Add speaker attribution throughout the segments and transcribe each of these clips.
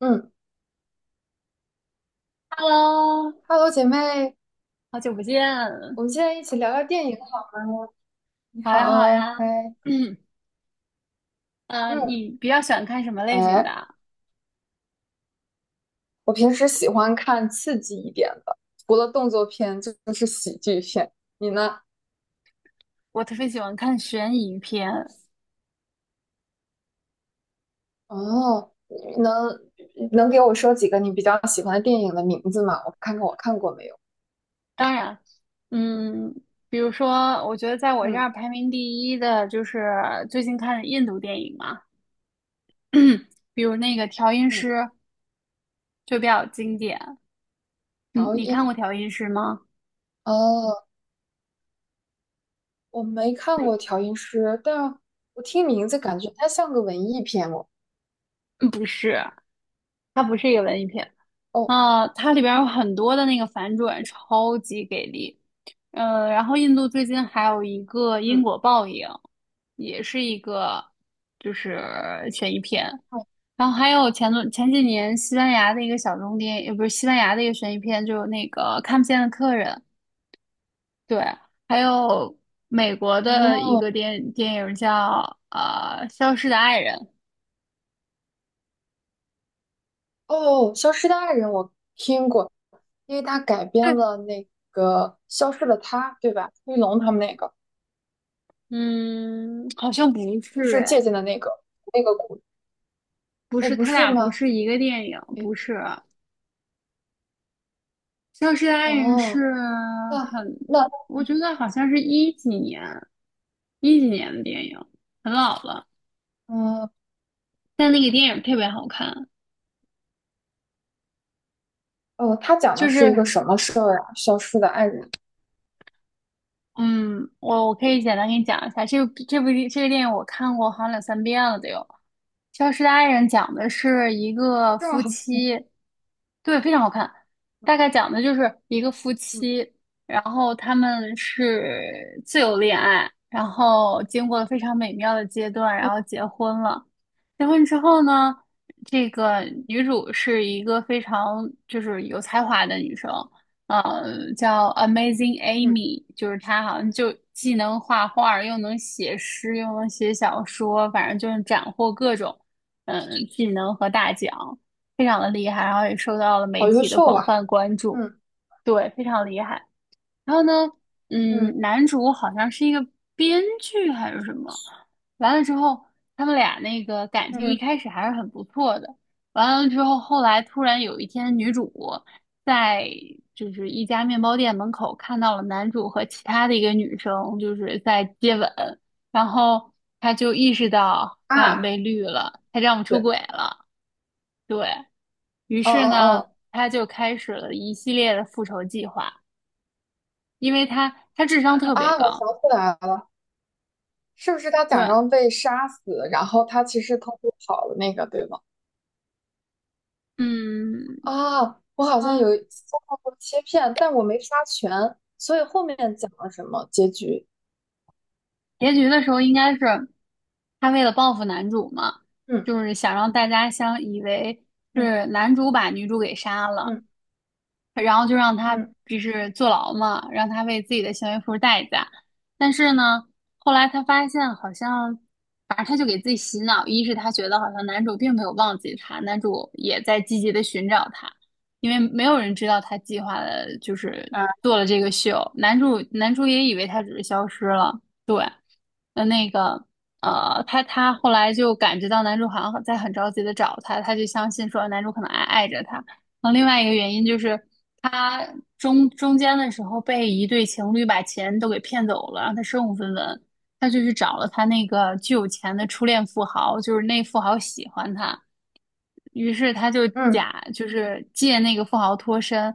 Speaker 1: 嗯
Speaker 2: Hello，
Speaker 1: ，Hello，姐妹，
Speaker 2: 好久不见，
Speaker 1: 我们现在一起聊聊电影好吗？你
Speaker 2: 还好
Speaker 1: 好，
Speaker 2: 呀。
Speaker 1: 嗨。
Speaker 2: 嗯，
Speaker 1: 嗯，
Speaker 2: 你比较喜欢看什么类型的
Speaker 1: 哎，
Speaker 2: 啊？
Speaker 1: 我平时喜欢看刺激一点的，除了动作片就是喜剧片。你呢？
Speaker 2: 我特别喜欢看悬疑片。
Speaker 1: 哦，你能给我说几个你比较喜欢的电影的名字吗？我看看我看过没有？
Speaker 2: 当然，嗯，比如说，我觉得在我这
Speaker 1: 嗯，
Speaker 2: 儿排名第一的就是最近看的印度电影嘛，比如那个《调音
Speaker 1: 嗯，
Speaker 2: 师》就比较经典。你
Speaker 1: 调
Speaker 2: 你
Speaker 1: 音
Speaker 2: 看过《调音师》吗？
Speaker 1: 哦，我没看过《调音师》，但我听名字感觉它像个文艺片哦。
Speaker 2: 嗯，不是，它不是一个文艺片。
Speaker 1: 哦，
Speaker 2: 啊，它里边有很多的那个反转，超级给力。然后印度最近还有一个因
Speaker 1: 嗯，
Speaker 2: 果报应，也是一个就是悬疑片。然后还有前几年西班牙的一个小众电影，也不是，西班牙的一个悬疑片，就是那个看不见的客人。对，还有美国的一
Speaker 1: 哦，
Speaker 2: 个电影叫《消失的爱人》。
Speaker 1: 哦，《消失的爱人》我听过，因为他改编
Speaker 2: 对，
Speaker 1: 了那个《消失的她》，对吧？黑龙他们那个
Speaker 2: 嗯，好像不
Speaker 1: 是不
Speaker 2: 是
Speaker 1: 是借
Speaker 2: 哎，
Speaker 1: 鉴的那个故事？
Speaker 2: 不
Speaker 1: 哦，
Speaker 2: 是，
Speaker 1: 不
Speaker 2: 他
Speaker 1: 是
Speaker 2: 俩不
Speaker 1: 吗？
Speaker 2: 是一个电影，
Speaker 1: 诶，
Speaker 2: 不是。消失的爱人
Speaker 1: 哦。
Speaker 2: 是
Speaker 1: 那
Speaker 2: 很，
Speaker 1: 那
Speaker 2: 我觉得好像是一几年，一几年的电影，很老了，
Speaker 1: 嗯
Speaker 2: 但那个电影特别好看。
Speaker 1: 哦，他讲的
Speaker 2: 就
Speaker 1: 是一个
Speaker 2: 是，
Speaker 1: 什么事儿啊？《消失的爱人》
Speaker 2: 嗯，我可以简单给你讲一下，这部这个电影我看过好像两三遍了都有。《消失的爱人》讲的是一个
Speaker 1: 这么
Speaker 2: 夫
Speaker 1: 好？
Speaker 2: 妻，对，非常好看。大概讲的就是一个夫
Speaker 1: 嗯，
Speaker 2: 妻，然后他们是自由恋爱，然后经过了非常美妙的阶段，
Speaker 1: 嗯，
Speaker 2: 然后结婚了。结婚之后呢，这个女主是一个非常就是有才华的女生，叫 Amazing
Speaker 1: 嗯，
Speaker 2: Amy，就是她好像就既能画画儿，又能写诗，又能写小说，反正就是斩获各种。嗯，技能和大奖，非常的厉害，然后也受到了媒
Speaker 1: 好优
Speaker 2: 体的
Speaker 1: 秀
Speaker 2: 广
Speaker 1: 啊！
Speaker 2: 泛关注，
Speaker 1: 嗯，
Speaker 2: 对，非常厉害。然后呢，
Speaker 1: 嗯，
Speaker 2: 嗯，男主好像是一个编剧还是什么，完了之后，他们俩那个感情一
Speaker 1: 嗯，
Speaker 2: 开始还是很不错的，完了之后，后来突然有一天，女主在就是一家面包店门口看到了男主和其他的一个女生就是在接吻，然后她就意识到她好像
Speaker 1: 啊，
Speaker 2: 被绿了，她丈夫出
Speaker 1: 对。
Speaker 2: 轨了，对，于
Speaker 1: 哦，
Speaker 2: 是呢，
Speaker 1: 哦，
Speaker 2: 她就开始了一系列的复仇计划。因为他智商
Speaker 1: 哦，
Speaker 2: 特别
Speaker 1: 啊，我想
Speaker 2: 高。
Speaker 1: 起来了，是不是他假
Speaker 2: 对，
Speaker 1: 装被杀死，然后他其实偷偷跑了那个，对吗？
Speaker 2: 嗯，
Speaker 1: 啊，我好像有
Speaker 2: 他
Speaker 1: 遭到过切片，但我没刷全，所以后面讲了什么结局？
Speaker 2: 结局的时候应该是他为了报复男主嘛，
Speaker 1: 嗯，
Speaker 2: 就是想让大家相以为
Speaker 1: 嗯，
Speaker 2: 是男主把女主给杀了，
Speaker 1: 嗯，
Speaker 2: 然后就让他
Speaker 1: 嗯，
Speaker 2: 就是坐牢嘛，让他为自己的行为付出代价。但是呢，后来他发现好像，反正他就给自己洗脑，一是他觉得好像男主并没有忘记他，男主也在积极的寻找他，因为没有人知道他计划的就是
Speaker 1: 啊，
Speaker 2: 做了这个秀，男主也以为他只是消失了，对，呃，那个。他后来就感觉到男主好像在很着急的找他，他就相信说男主可能还爱着他，然后另外一个原因就是他中间的时候被一对情侣把钱都给骗走了，让他身无分文。他就去找了他那个巨有钱的初恋富豪，就是那富豪喜欢他，于是他就
Speaker 1: 嗯，
Speaker 2: 假，就是借那个富豪脱身，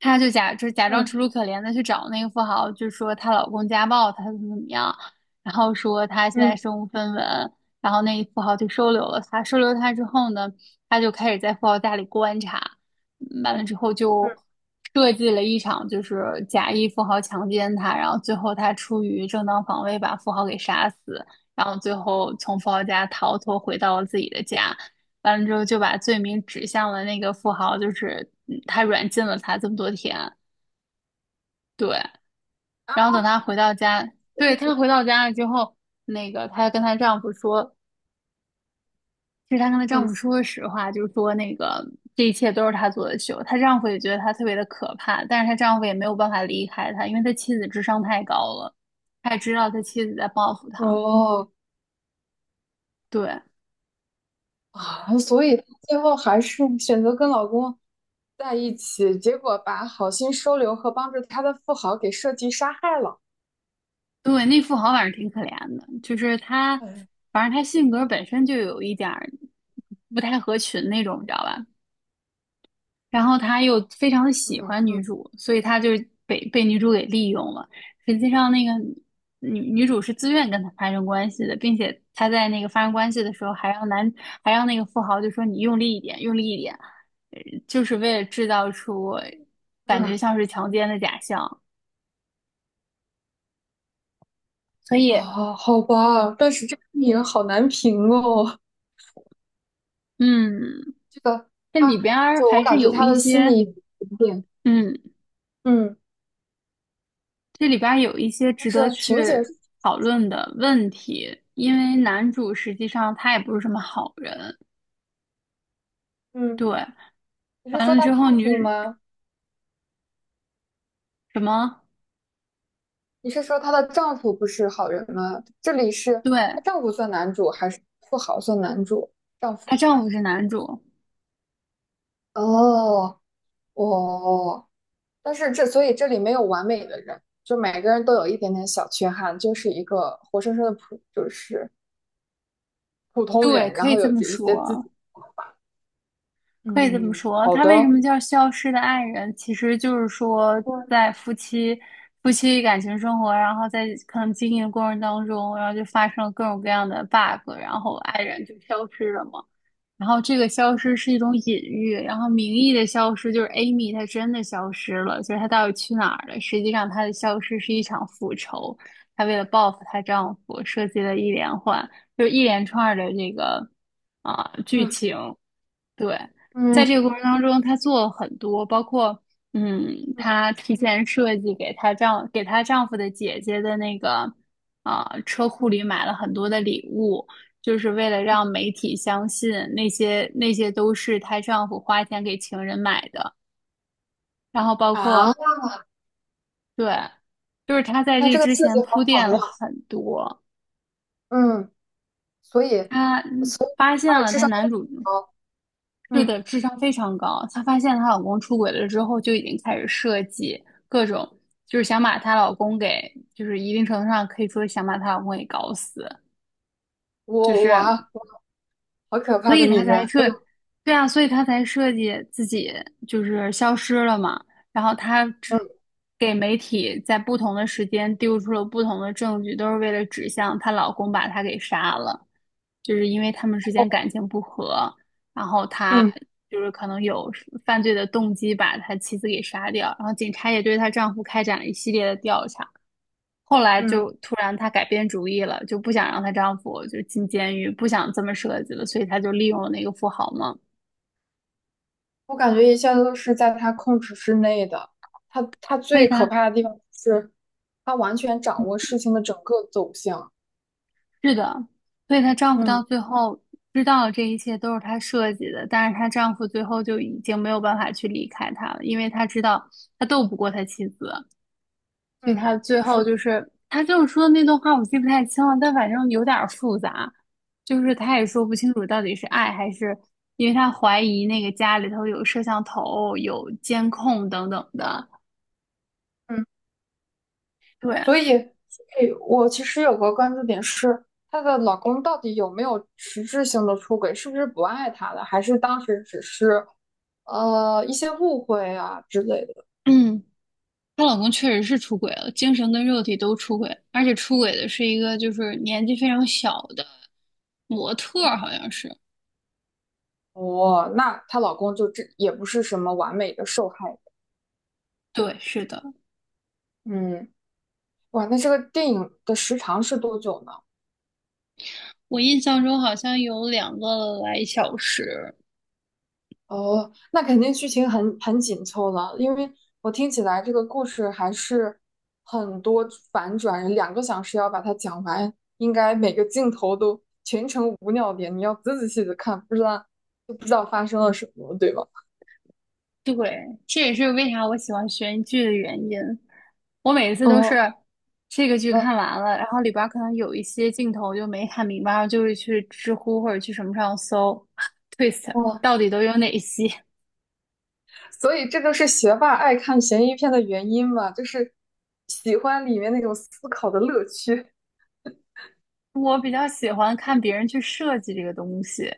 Speaker 2: 他就假，就假装
Speaker 1: 嗯，
Speaker 2: 楚楚可怜的去找那个富豪，就说她老公家暴她怎么怎么样，然后说她现在
Speaker 1: 嗯，
Speaker 2: 身无分文，然后那富豪就收留了她，收留她之后呢？他就开始在富豪家里观察，嗯，完了之后就
Speaker 1: 嗯，
Speaker 2: 设计了一场就是假意富豪强奸他，然后最后他出于正当防卫把富豪给杀死，然后最后从富豪家逃脱回到了自己的家，完了之后就把罪名指向了那个富豪，就是嗯他软禁了他这么多天，对，
Speaker 1: 啊，
Speaker 2: 然后等他回到家，对，她回到家了之后，那个她跟她丈夫说，其实她跟她丈夫
Speaker 1: 嗯，
Speaker 2: 说实话，就是说那个这一切都是她做的秀。她丈夫也觉得她特别的可怕，但是她丈夫也没有办法离开她，因为他妻子智商太高了，他也知道他妻子在报复他。
Speaker 1: 哦，
Speaker 2: 对
Speaker 1: 啊，所以她最后还是 选择跟老公在一起，结果把好心收留和帮助他的富豪给设计杀害了。
Speaker 2: 对，那富豪反正挺可怜的，就是他，
Speaker 1: 嗯，
Speaker 2: 反正他性格本身就有一点儿不太合群那种，你知道吧？然后他又非常的喜
Speaker 1: 嗯，
Speaker 2: 欢女
Speaker 1: 嗯，
Speaker 2: 主，所以他就被女主给利用了。实际上，那个女主是自愿跟他发生关系的，并且他在那个发生关系的时候，还让男还让那个富豪就说你用力一点，用力一点，呃就是为了制造出感觉
Speaker 1: 嗯，
Speaker 2: 像是强奸的假象。所以，
Speaker 1: 啊，好吧，但是这个电影好难评哦。
Speaker 2: 嗯，
Speaker 1: 这个
Speaker 2: 这里
Speaker 1: 他
Speaker 2: 边儿
Speaker 1: 就我
Speaker 2: 还是
Speaker 1: 感觉
Speaker 2: 有
Speaker 1: 他
Speaker 2: 一
Speaker 1: 的心
Speaker 2: 些
Speaker 1: 理。
Speaker 2: 嗯
Speaker 1: 嗯，
Speaker 2: 这里边儿有一些
Speaker 1: 但
Speaker 2: 值得
Speaker 1: 是情节。
Speaker 2: 去讨论的问题，因为男主实际上他也不是什么好人，
Speaker 1: 嗯，
Speaker 2: 对，
Speaker 1: 你是
Speaker 2: 完
Speaker 1: 说
Speaker 2: 了
Speaker 1: 她
Speaker 2: 之
Speaker 1: 丈
Speaker 2: 后
Speaker 1: 夫
Speaker 2: 女
Speaker 1: 吗？
Speaker 2: 什么，
Speaker 1: 你是说她的丈夫不是好人吗？这里是
Speaker 2: 对，
Speaker 1: 她丈夫算男主还是富豪算男主？丈
Speaker 2: 她
Speaker 1: 夫。
Speaker 2: 丈夫是男主，
Speaker 1: 哦。哦，但是这所以这里没有完美的人，就每个人都有一点点小缺憾，就是一个活生生的就是普通
Speaker 2: 对，
Speaker 1: 人，然
Speaker 2: 可以
Speaker 1: 后
Speaker 2: 这
Speaker 1: 有
Speaker 2: 么
Speaker 1: 着一些自
Speaker 2: 说，
Speaker 1: 己。
Speaker 2: 可以这么
Speaker 1: 嗯，
Speaker 2: 说。
Speaker 1: 好
Speaker 2: 他为什
Speaker 1: 的。
Speaker 2: 么叫消失的爱人？其实就是说在夫妻感情生活，然后在可能经营的过程当中，然后就发生了各种各样的 bug，然后爱人就消失了嘛。然后这个消失是一种隐喻，然后名义的消失就是 Amy 她真的消失了，就是她到底去哪儿了？实际上她的消失是一场复仇，她为了报复她丈夫设计了一连环，就是一连串的这个啊、剧
Speaker 1: 嗯，
Speaker 2: 情，对，在这
Speaker 1: 嗯，
Speaker 2: 个过程当中，她做了很多，包括嗯，
Speaker 1: 嗯，
Speaker 2: 她提前设计给给她丈夫的姐姐的那个啊、车库里买了很多的礼物，就是为了让媒体相信那些都是她丈夫花钱给情人买的，然后包
Speaker 1: 啊，
Speaker 2: 括对，就是她在
Speaker 1: 那
Speaker 2: 这
Speaker 1: 这个
Speaker 2: 之
Speaker 1: 设计
Speaker 2: 前铺
Speaker 1: 好
Speaker 2: 垫
Speaker 1: 巧
Speaker 2: 了
Speaker 1: 妙。
Speaker 2: 很多，
Speaker 1: 嗯，所以。
Speaker 2: 她发现
Speaker 1: 她的
Speaker 2: 了
Speaker 1: 智
Speaker 2: 她
Speaker 1: 商都
Speaker 2: 男
Speaker 1: 很
Speaker 2: 主
Speaker 1: 高。
Speaker 2: 是
Speaker 1: 嗯。
Speaker 2: 的，智商非常高。她发现她老公出轨了之后，就已经开始设计各种，就是想把她老公给，就是一定程度上可以说想把她老公给搞死。就
Speaker 1: 我我
Speaker 2: 是
Speaker 1: 啊，好可
Speaker 2: 所
Speaker 1: 怕的
Speaker 2: 以
Speaker 1: 女
Speaker 2: 他才
Speaker 1: 人！
Speaker 2: 设，对啊，所以他才设计自己就是消失了嘛。然后他只
Speaker 1: 嗯，
Speaker 2: 给媒体在不同的时间丢出了不同的证据，都是为了指向她老公把她给杀了，就是因为他们之间感情不和，然后他
Speaker 1: 嗯。
Speaker 2: 就是可能有犯罪的动机把他妻子给杀掉，然后警察也对她丈夫开展了一系列的调查。后来就
Speaker 1: 嗯，
Speaker 2: 突然她改变主意了，就不想让她丈夫就进监狱，不想这么设计了，所以她就利用了那个富豪嘛。
Speaker 1: 我感觉一切都是在她控制之内的。她
Speaker 2: 所以
Speaker 1: 最可
Speaker 2: 她
Speaker 1: 怕的地方是，她完全掌握事情的整个走向。
Speaker 2: 是的，所以她丈夫到
Speaker 1: 嗯，
Speaker 2: 最后知道这一切都是她设计的，但是她丈夫最后就已经没有办法去离开她了，因为她知道他斗不过他妻子，所以
Speaker 1: 嗯，
Speaker 2: 他最后
Speaker 1: 是的。
Speaker 2: 就是他就是说的那段话，我记不太清了，但反正有点儿复杂，就是他也说不清楚到底是爱还是，因为他怀疑那个家里头有摄像头、有监控等等的。
Speaker 1: 嗯，
Speaker 2: 对，
Speaker 1: 所以所以我其实有个关注点是，她的老公到底有没有实质性的出轨？是不是不爱她了？还是当时只是一些误会啊之类的？
Speaker 2: 嗯，她老公确实是出轨了，精神跟肉体都出轨，而且出轨的是一个就是年纪非常小的模特儿，好像是。
Speaker 1: 哦，那她老公就这也不是什么完美的受害人。
Speaker 2: 对，是的，
Speaker 1: 嗯，哇，那这个电影的时长是多久呢？
Speaker 2: 我印象中好像有两个来小时。
Speaker 1: 哦，那肯定剧情很紧凑了，因为我听起来这个故事还是很多反转，两个小时要把它讲完，应该每个镜头都全程无尿点，你要仔仔细细的看，不知道就不知道发生了什么，对吧？
Speaker 2: 对，这也是为啥我喜欢悬疑剧的原因。我每一次都是
Speaker 1: 哦，
Speaker 2: 这个剧
Speaker 1: 那。
Speaker 2: 看完了，然后里边儿可能有一些镜头就没看明白，然后就会去知乎或者去什么上搜 twist
Speaker 1: 哦。
Speaker 2: 到底都有哪些。
Speaker 1: 所以这就是学霸爱看悬疑片的原因嘛，就是喜欢里面那种思考的乐趣。
Speaker 2: 我比较喜欢看别人去设计这个东西，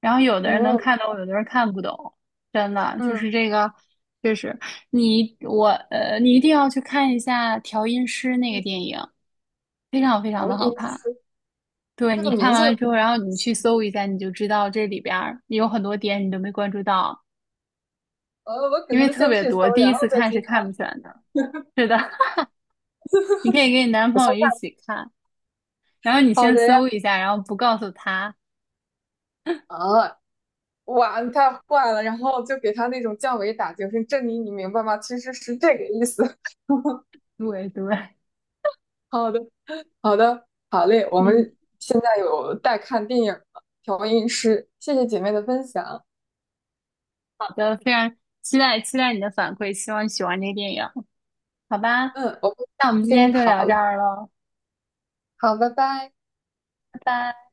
Speaker 2: 然后有的人能
Speaker 1: 哦，
Speaker 2: 看懂，有的人看不懂。真的就
Speaker 1: 嗯，
Speaker 2: 是这个，确实，你一定要去看一下调音师那个
Speaker 1: 嗯，
Speaker 2: 电影，非常非常
Speaker 1: 潮
Speaker 2: 的
Speaker 1: 音
Speaker 2: 好看。对，
Speaker 1: 这
Speaker 2: 你
Speaker 1: 个
Speaker 2: 看
Speaker 1: 名
Speaker 2: 完了
Speaker 1: 字。
Speaker 2: 之后，然后你去搜一下，你就知道这里边儿有很多点你都没关注到，
Speaker 1: 我可
Speaker 2: 因为
Speaker 1: 能
Speaker 2: 特
Speaker 1: 先
Speaker 2: 别
Speaker 1: 去
Speaker 2: 多，
Speaker 1: 搜，
Speaker 2: 第
Speaker 1: 然
Speaker 2: 一
Speaker 1: 后
Speaker 2: 次
Speaker 1: 再
Speaker 2: 看
Speaker 1: 去
Speaker 2: 是看
Speaker 1: 看。
Speaker 2: 不全的。是的，你可以跟你男
Speaker 1: 我
Speaker 2: 朋
Speaker 1: 先
Speaker 2: 友一
Speaker 1: 看。
Speaker 2: 起看，然后你
Speaker 1: 好
Speaker 2: 先
Speaker 1: 的呀。
Speaker 2: 搜一下，然后不告诉他。
Speaker 1: 啊，哇，你太坏了，然后就给他那种降维打击，我说珍妮，你明白吗？其实是这个意思。
Speaker 2: 对对，
Speaker 1: 好的，好的，好嘞，我
Speaker 2: 嗯，
Speaker 1: 们现在有待看电影了，调音师，谢谢姐妹的分享。
Speaker 2: 好的，非常期待你的反馈，希望你喜欢这个电影，好吧？
Speaker 1: 嗯，我会
Speaker 2: 那我们今
Speaker 1: 跟你
Speaker 2: 天就
Speaker 1: 讨
Speaker 2: 聊这
Speaker 1: 论。
Speaker 2: 儿了，
Speaker 1: 好，拜拜。
Speaker 2: 拜拜。